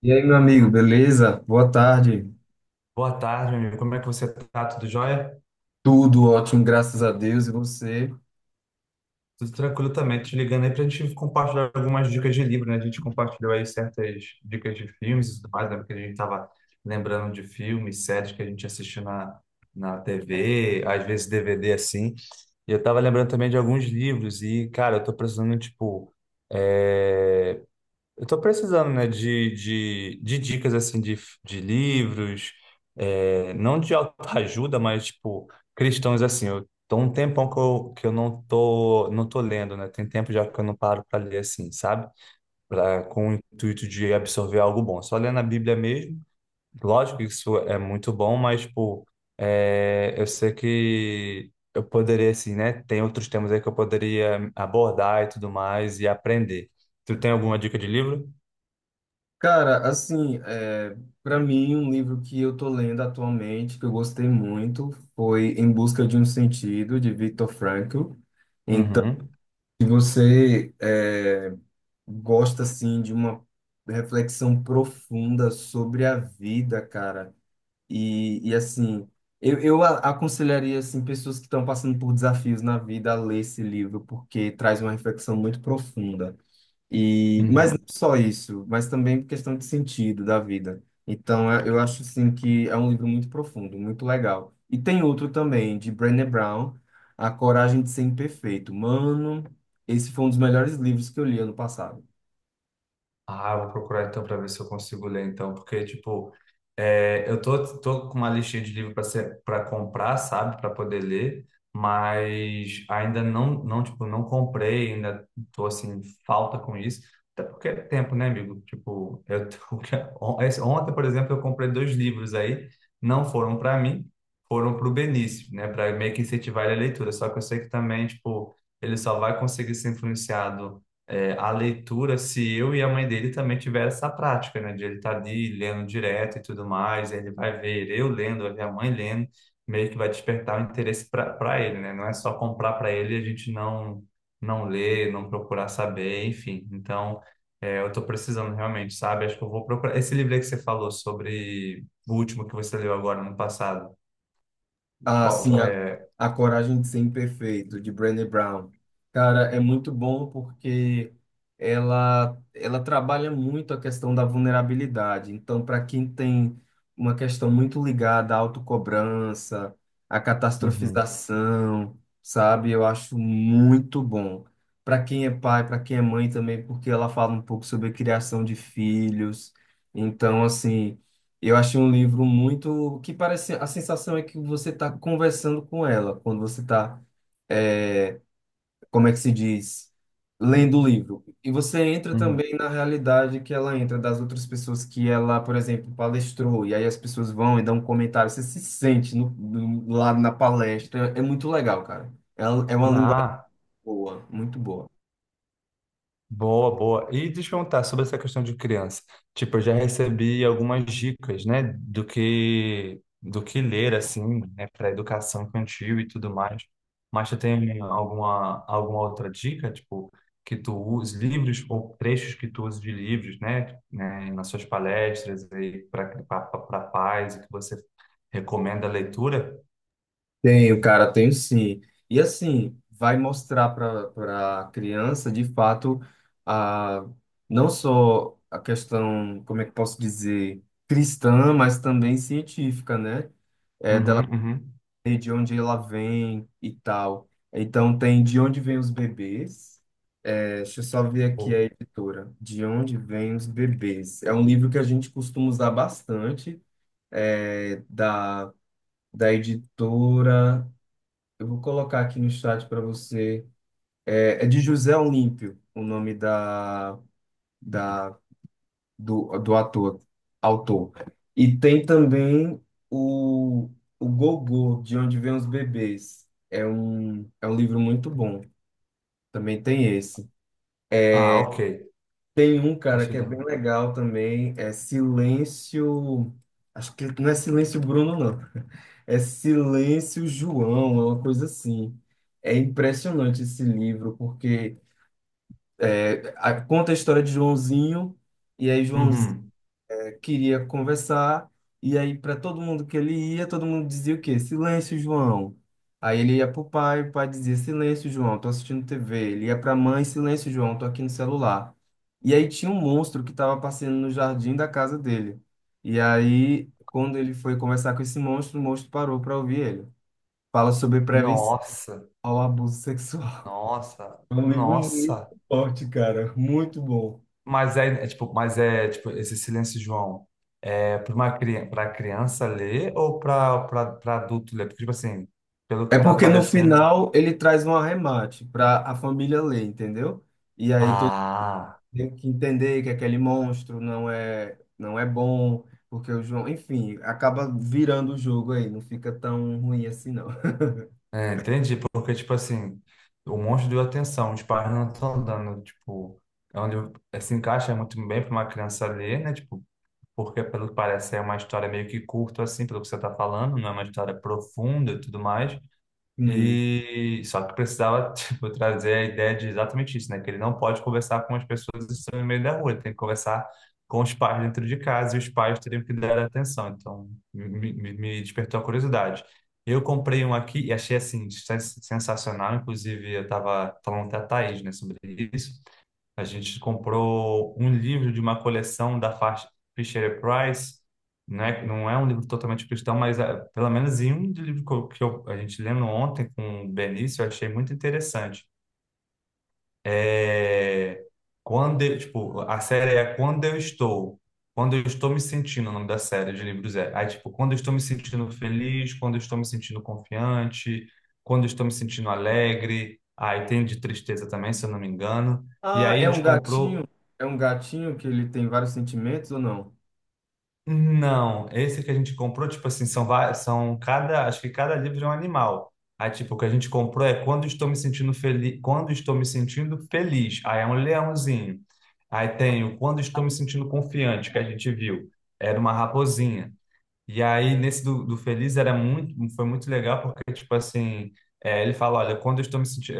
E aí, meu amigo, beleza? Boa tarde. Boa tarde, meu amigo. Como é que você tá? Tudo jóia? Tudo ótimo, graças a Deus. E você? Tudo tranquilo também. Tô te ligando aí pra gente compartilhar algumas dicas de livro, né? A gente compartilhou aí certas dicas de filmes e tudo mais, né? Porque a gente tava lembrando de filmes, séries que a gente assistiu na TV, às vezes DVD assim. E eu tava lembrando também de alguns livros e, cara, eu tô precisando, tipo, eh, eu tô precisando, né, de dicas, assim, de livros, é, não de autoajuda, mas, tipo, cristãos, assim, eu tô um tempão que eu não tô, não tô lendo, né, tem tempo já que eu não paro para ler, assim, sabe? Pra, com o intuito de absorver algo bom, só lendo a Bíblia mesmo, lógico que isso é muito bom, mas, tipo, é, eu sei que eu poderia, assim, né, tem outros temas aí que eu poderia abordar e tudo mais e aprender. Tu tem alguma dica de livro? Cara, assim, é, para mim, um livro que eu tô lendo atualmente, que eu gostei muito, foi Em Busca de um Sentido, de Viktor Frankl. Então, Uhum, se você é, gosta, assim, de uma reflexão profunda sobre a vida, cara, e assim, eu aconselharia assim, pessoas que estão passando por desafios na vida a ler esse livro, porque traz uma reflexão muito profunda. E, mas não uhum. só isso, mas também questão de sentido da vida. Então, eu acho assim, que é um livro muito profundo, muito legal. E tem outro também, de Brené Brown, A Coragem de Ser Imperfeito. Mano, esse foi um dos melhores livros que eu li ano passado. Ah, eu vou procurar então para ver se eu consigo ler então, porque tipo, é, eu tô, tô com uma listinha de livro para ser para comprar, sabe, para poder ler, mas ainda não tipo não comprei, ainda tô assim falta com isso, até porque é tempo, né, amigo? Tipo, eu tô, ontem, por exemplo, eu comprei dois livros aí, não foram para mim, foram para o Benício, né, para meio que incentivar ele a leitura. Só que eu sei que também tipo ele só vai conseguir ser influenciado é, a leitura se eu e a mãe dele também tiver essa prática, né? De ele estar ali lendo direto e tudo mais, ele vai ver eu lendo, vai ver a mãe lendo, meio que vai despertar o interesse para ele, né? Não é só comprar para ele e a gente não ler, não procurar saber, enfim. Então, é, eu estou precisando realmente, sabe? Acho que eu vou procurar. Esse livro aí que você falou sobre o último que você leu agora no passado, Ah, qual sim, é? a Coragem de Ser Imperfeito, de Brené Brown. Cara, é muito bom porque ela trabalha muito a questão da vulnerabilidade. Então, para quem tem uma questão muito ligada à autocobrança, à Uhum, catastrofização, sabe? Eu acho muito bom. Para quem é pai, para quem é mãe também, porque ela fala um pouco sobre a criação de filhos. Então, assim. Eu achei um livro muito que parece a sensação é que você está conversando com ela quando você está, é, como é que se diz, lendo o livro. E você entra uhum. também na realidade que ela entra das outras pessoas que ela, por exemplo, palestrou. E aí as pessoas vão e dão um comentário. Você se sente no, no, lá na palestra. É muito legal, cara. É, é uma linguagem Ah, boa, muito boa. boa, boa. E deixa eu perguntar sobre essa questão de criança. Tipo, eu já recebi algumas dicas, né, do que ler assim, né, para educação infantil e tudo mais. Mas tu tem alguma outra dica, tipo, que tu use livros ou trechos que tu use de livros, né, nas suas palestras aí para pais e que você recomenda a leitura? Tenho, cara, tenho sim. E assim, vai mostrar para a criança, de fato, a, não só a questão, como é que posso dizer, cristã, mas também científica, né? Uhum, uhum. E de onde ela vem e tal. Então, tem de onde vêm os bebês. É, deixa eu só ver aqui a Boa. editora. De onde vêm os bebês? É um livro que a gente costuma usar bastante, da, da editora. Eu vou colocar aqui no chat para você. É, é de José Olímpio, o nome da, do do autor. E tem também o, o Gogô, De Onde Vêm os Bebês. É um livro muito bom. Também tem esse. Ah, ok. Tem um, cara, Deixa que eu é dar. bem Um. legal também. É Silêncio. Acho que não é Silêncio Bruno, não. É Silêncio João, é uma coisa assim. É impressionante esse livro, porque conta a história de Joãozinho, e aí Joãozinho Uhum. queria conversar, e aí para todo mundo que ele ia, todo mundo dizia o quê? Silêncio, João. Aí ele ia pro pai, o pai dizia silêncio, João, tô assistindo TV. Ele ia pra mãe, silêncio, João, tô aqui no celular. E aí tinha um monstro que estava passeando no jardim da casa dele. E aí, quando ele foi conversar com esse monstro, o monstro parou para ouvir ele. Fala sobre prevenção Nossa. ao abuso sexual. Nossa, É um livro nossa. muito forte, cara, muito bom. Mas é, é tipo, mas é tipo esse silêncio, João. É para uma criança, para criança ler ou para adulto ler? Porque tipo assim, pelo É que tá porque no aparecendo. final ele traz um arremate para a família ler, entendeu? E aí todo Ah, mundo tem que entender que aquele monstro não é bom, porque o João, enfim, acaba virando o jogo aí, não fica tão ruim assim não. é, entendi. Porque tipo assim, o monstro deu atenção, os pais não estão dando, tipo, é onde é, se encaixa muito bem para uma criança ler, né? Tipo, porque pelo que parece é uma história meio que curta assim, pelo que você tá falando, não é uma história profunda e tudo mais. Hum. E só que precisava, tipo, trazer a ideia de exatamente isso, né? Que ele não pode conversar com as pessoas que estão no meio da rua, ele tem que conversar com os pais dentro de casa e os pais teriam que dar atenção. Então, me despertou a curiosidade. Eu comprei um aqui e achei, assim, sensacional. Inclusive, eu estava falando até a Thaís, né, sobre isso. A gente comprou um livro de uma coleção da Fisher Price, né? Que não é um livro totalmente cristão, mas ah, pelo menos em um livro que, a gente lendo ontem com o Benício, eu achei muito interessante. É, tipo, a série é Quando Eu Estou. Quando eu estou me sentindo, o nome da série de livros é. Aí, tipo, quando eu estou me sentindo feliz, quando eu estou me sentindo confiante, quando eu estou me sentindo alegre. Aí tem de tristeza também, se eu não me engano. E Ah, aí a gente comprou é um gatinho que ele tem vários sentimentos ou não? não, esse que a gente comprou, tipo assim, são, são cada, acho que cada livro é um animal. Aí, tipo, o que a gente comprou é quando estou me sentindo feliz, quando estou me sentindo feliz. Aí é um leãozinho. Aí tem o quando estou me sentindo confiante, que a gente viu. Era uma raposinha. E aí, nesse do Feliz, era muito, foi muito legal, porque, tipo assim, é, ele fala, olha, quando eu estou me sentindo,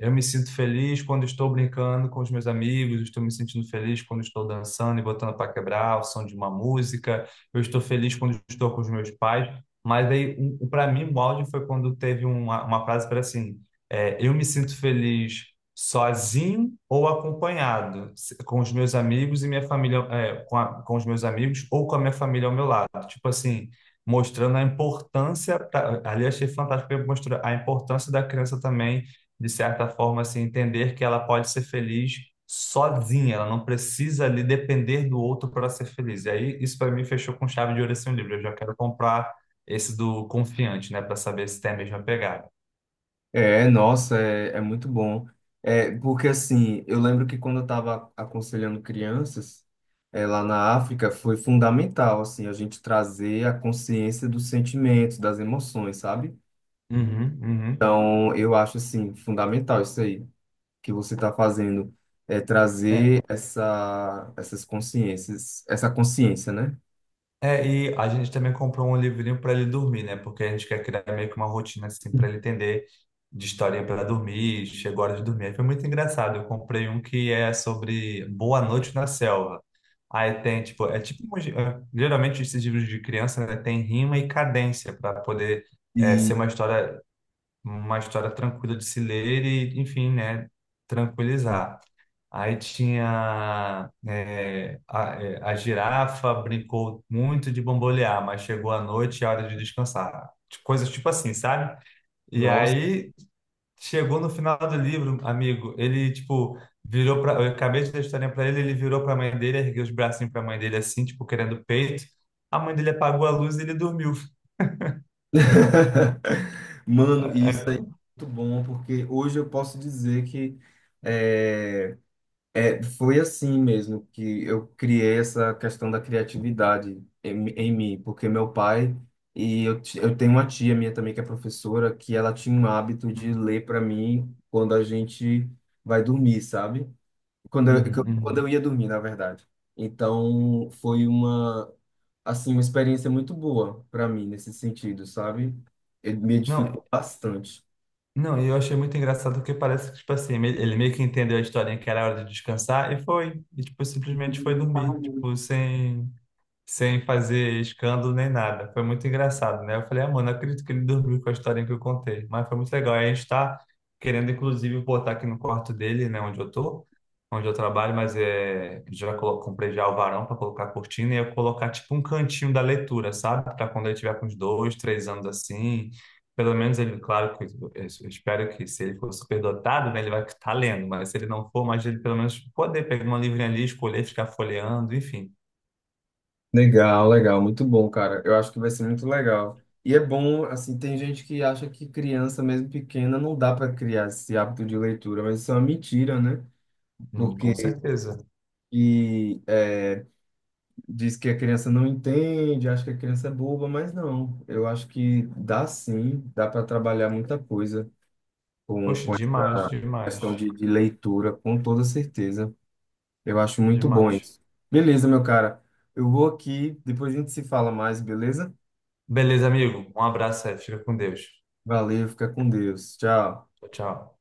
eu me sinto feliz quando estou brincando com os meus amigos, estou me sentindo feliz quando estou dançando e botando para quebrar o som de uma música, eu estou feliz quando estou com os meus pais, mas aí, um, para mim, o áudio foi quando teve uma frase para assim, é, eu me sinto feliz sozinho ou acompanhado, com os meus amigos e minha família, é, com os meus amigos ou com a minha família ao meu lado. Tipo assim, mostrando a importância, ali eu achei fantástico, porque mostrou a importância da criança também, de certa forma, assim, entender que ela pode ser feliz sozinha, ela não precisa ali depender do outro para ser feliz. E aí, isso para mim fechou com chave de ouro esse livro. Eu já quero comprar esse do Confiante, né, para saber se tem a mesma pegada. É, nossa, é, é muito bom. É, porque assim, eu lembro que quando eu estava aconselhando crianças, é, lá na África, foi fundamental, assim, a gente trazer a consciência dos sentimentos, das emoções, sabe? Uhum, uhum. Então, eu acho, assim, fundamental isso aí que você está fazendo, é trazer essas consciências, essa consciência, né? É, e a gente também comprou um livrinho para ele dormir, né? Porque a gente quer criar meio que uma rotina assim para ele entender de historinha para dormir, chegou a hora de dormir. Aí foi muito engraçado. Eu comprei um que é sobre Boa Noite na Selva. Aí tem, tipo, é tipo, é, geralmente esses livros de criança, né, tem rima e cadência para poder é, ser E, uma história tranquila de se ler e, enfim, né, tranquilizar. Aí tinha é, a, é, a girafa brincou muito de bambolear, mas chegou a noite e a hora de descansar. Coisas tipo assim, sabe? E nossa, aí chegou no final do livro, amigo, ele tipo virou para, eu acabei de dar a historinha para ele, ele virou para a mãe dele, ergueu os bracinhos para a mãe dele assim, tipo querendo peito. A mãe dele apagou a luz e ele dormiu. mano, isso aí é muito bom, porque hoje eu posso dizer que é, É, foi assim mesmo que eu criei essa questão da criatividade em mim, porque meu pai e eu, eu tenho uma tia minha também que é professora, que ela tinha um hábito Uhum, de ler para mim quando a gente vai dormir, sabe? Uhum, Quando uhum. eu ia dormir, na verdade. Então, foi uma, assim, uma experiência muito boa para mim nesse sentido, sabe? Ele me Não, edificou bastante. não, e eu achei muito engraçado porque parece que, tipo assim, ele meio que entendeu a historinha que era hora de descansar e foi. E, tipo, simplesmente foi dormir. Tipo, sem fazer escândalo nem nada. Foi muito engraçado, né? Eu falei, ah, mano, não acredito que ele dormiu com a história que eu contei, mas foi muito legal. E a gente está querendo, inclusive, botar aqui no quarto dele, né, onde eu tô, onde eu trabalho, mas é, comprei já o varão para colocar a cortina e eu colocar tipo um cantinho da leitura, sabe? Para quando ele tiver com uns dois, três anos assim. Pelo menos ele, claro que eu espero que se ele for superdotado, né, ele vai estar lendo, mas se ele não for, mas ele pelo menos poder pegar uma livrinha ali, escolher, ficar folheando, enfim. Legal, legal, muito bom, cara. Eu acho que vai ser muito legal. E é bom, assim, tem gente que acha que criança, mesmo pequena, não dá para criar esse hábito de leitura, mas isso é uma mentira, né? Com Porque certeza. e, é, diz que a criança não entende, acha que a criança é boba, mas não. Eu acho que dá sim, dá para trabalhar muita coisa Poxa, com essa demais, questão demais, de leitura, com toda certeza. Eu acho muito bom demais. isso. Beleza, meu cara. Eu vou aqui, depois a gente se fala mais, beleza? Beleza, amigo. Um abraço aí. Fica com Deus. Valeu, fica com Deus. Tchau. Tchau, tchau.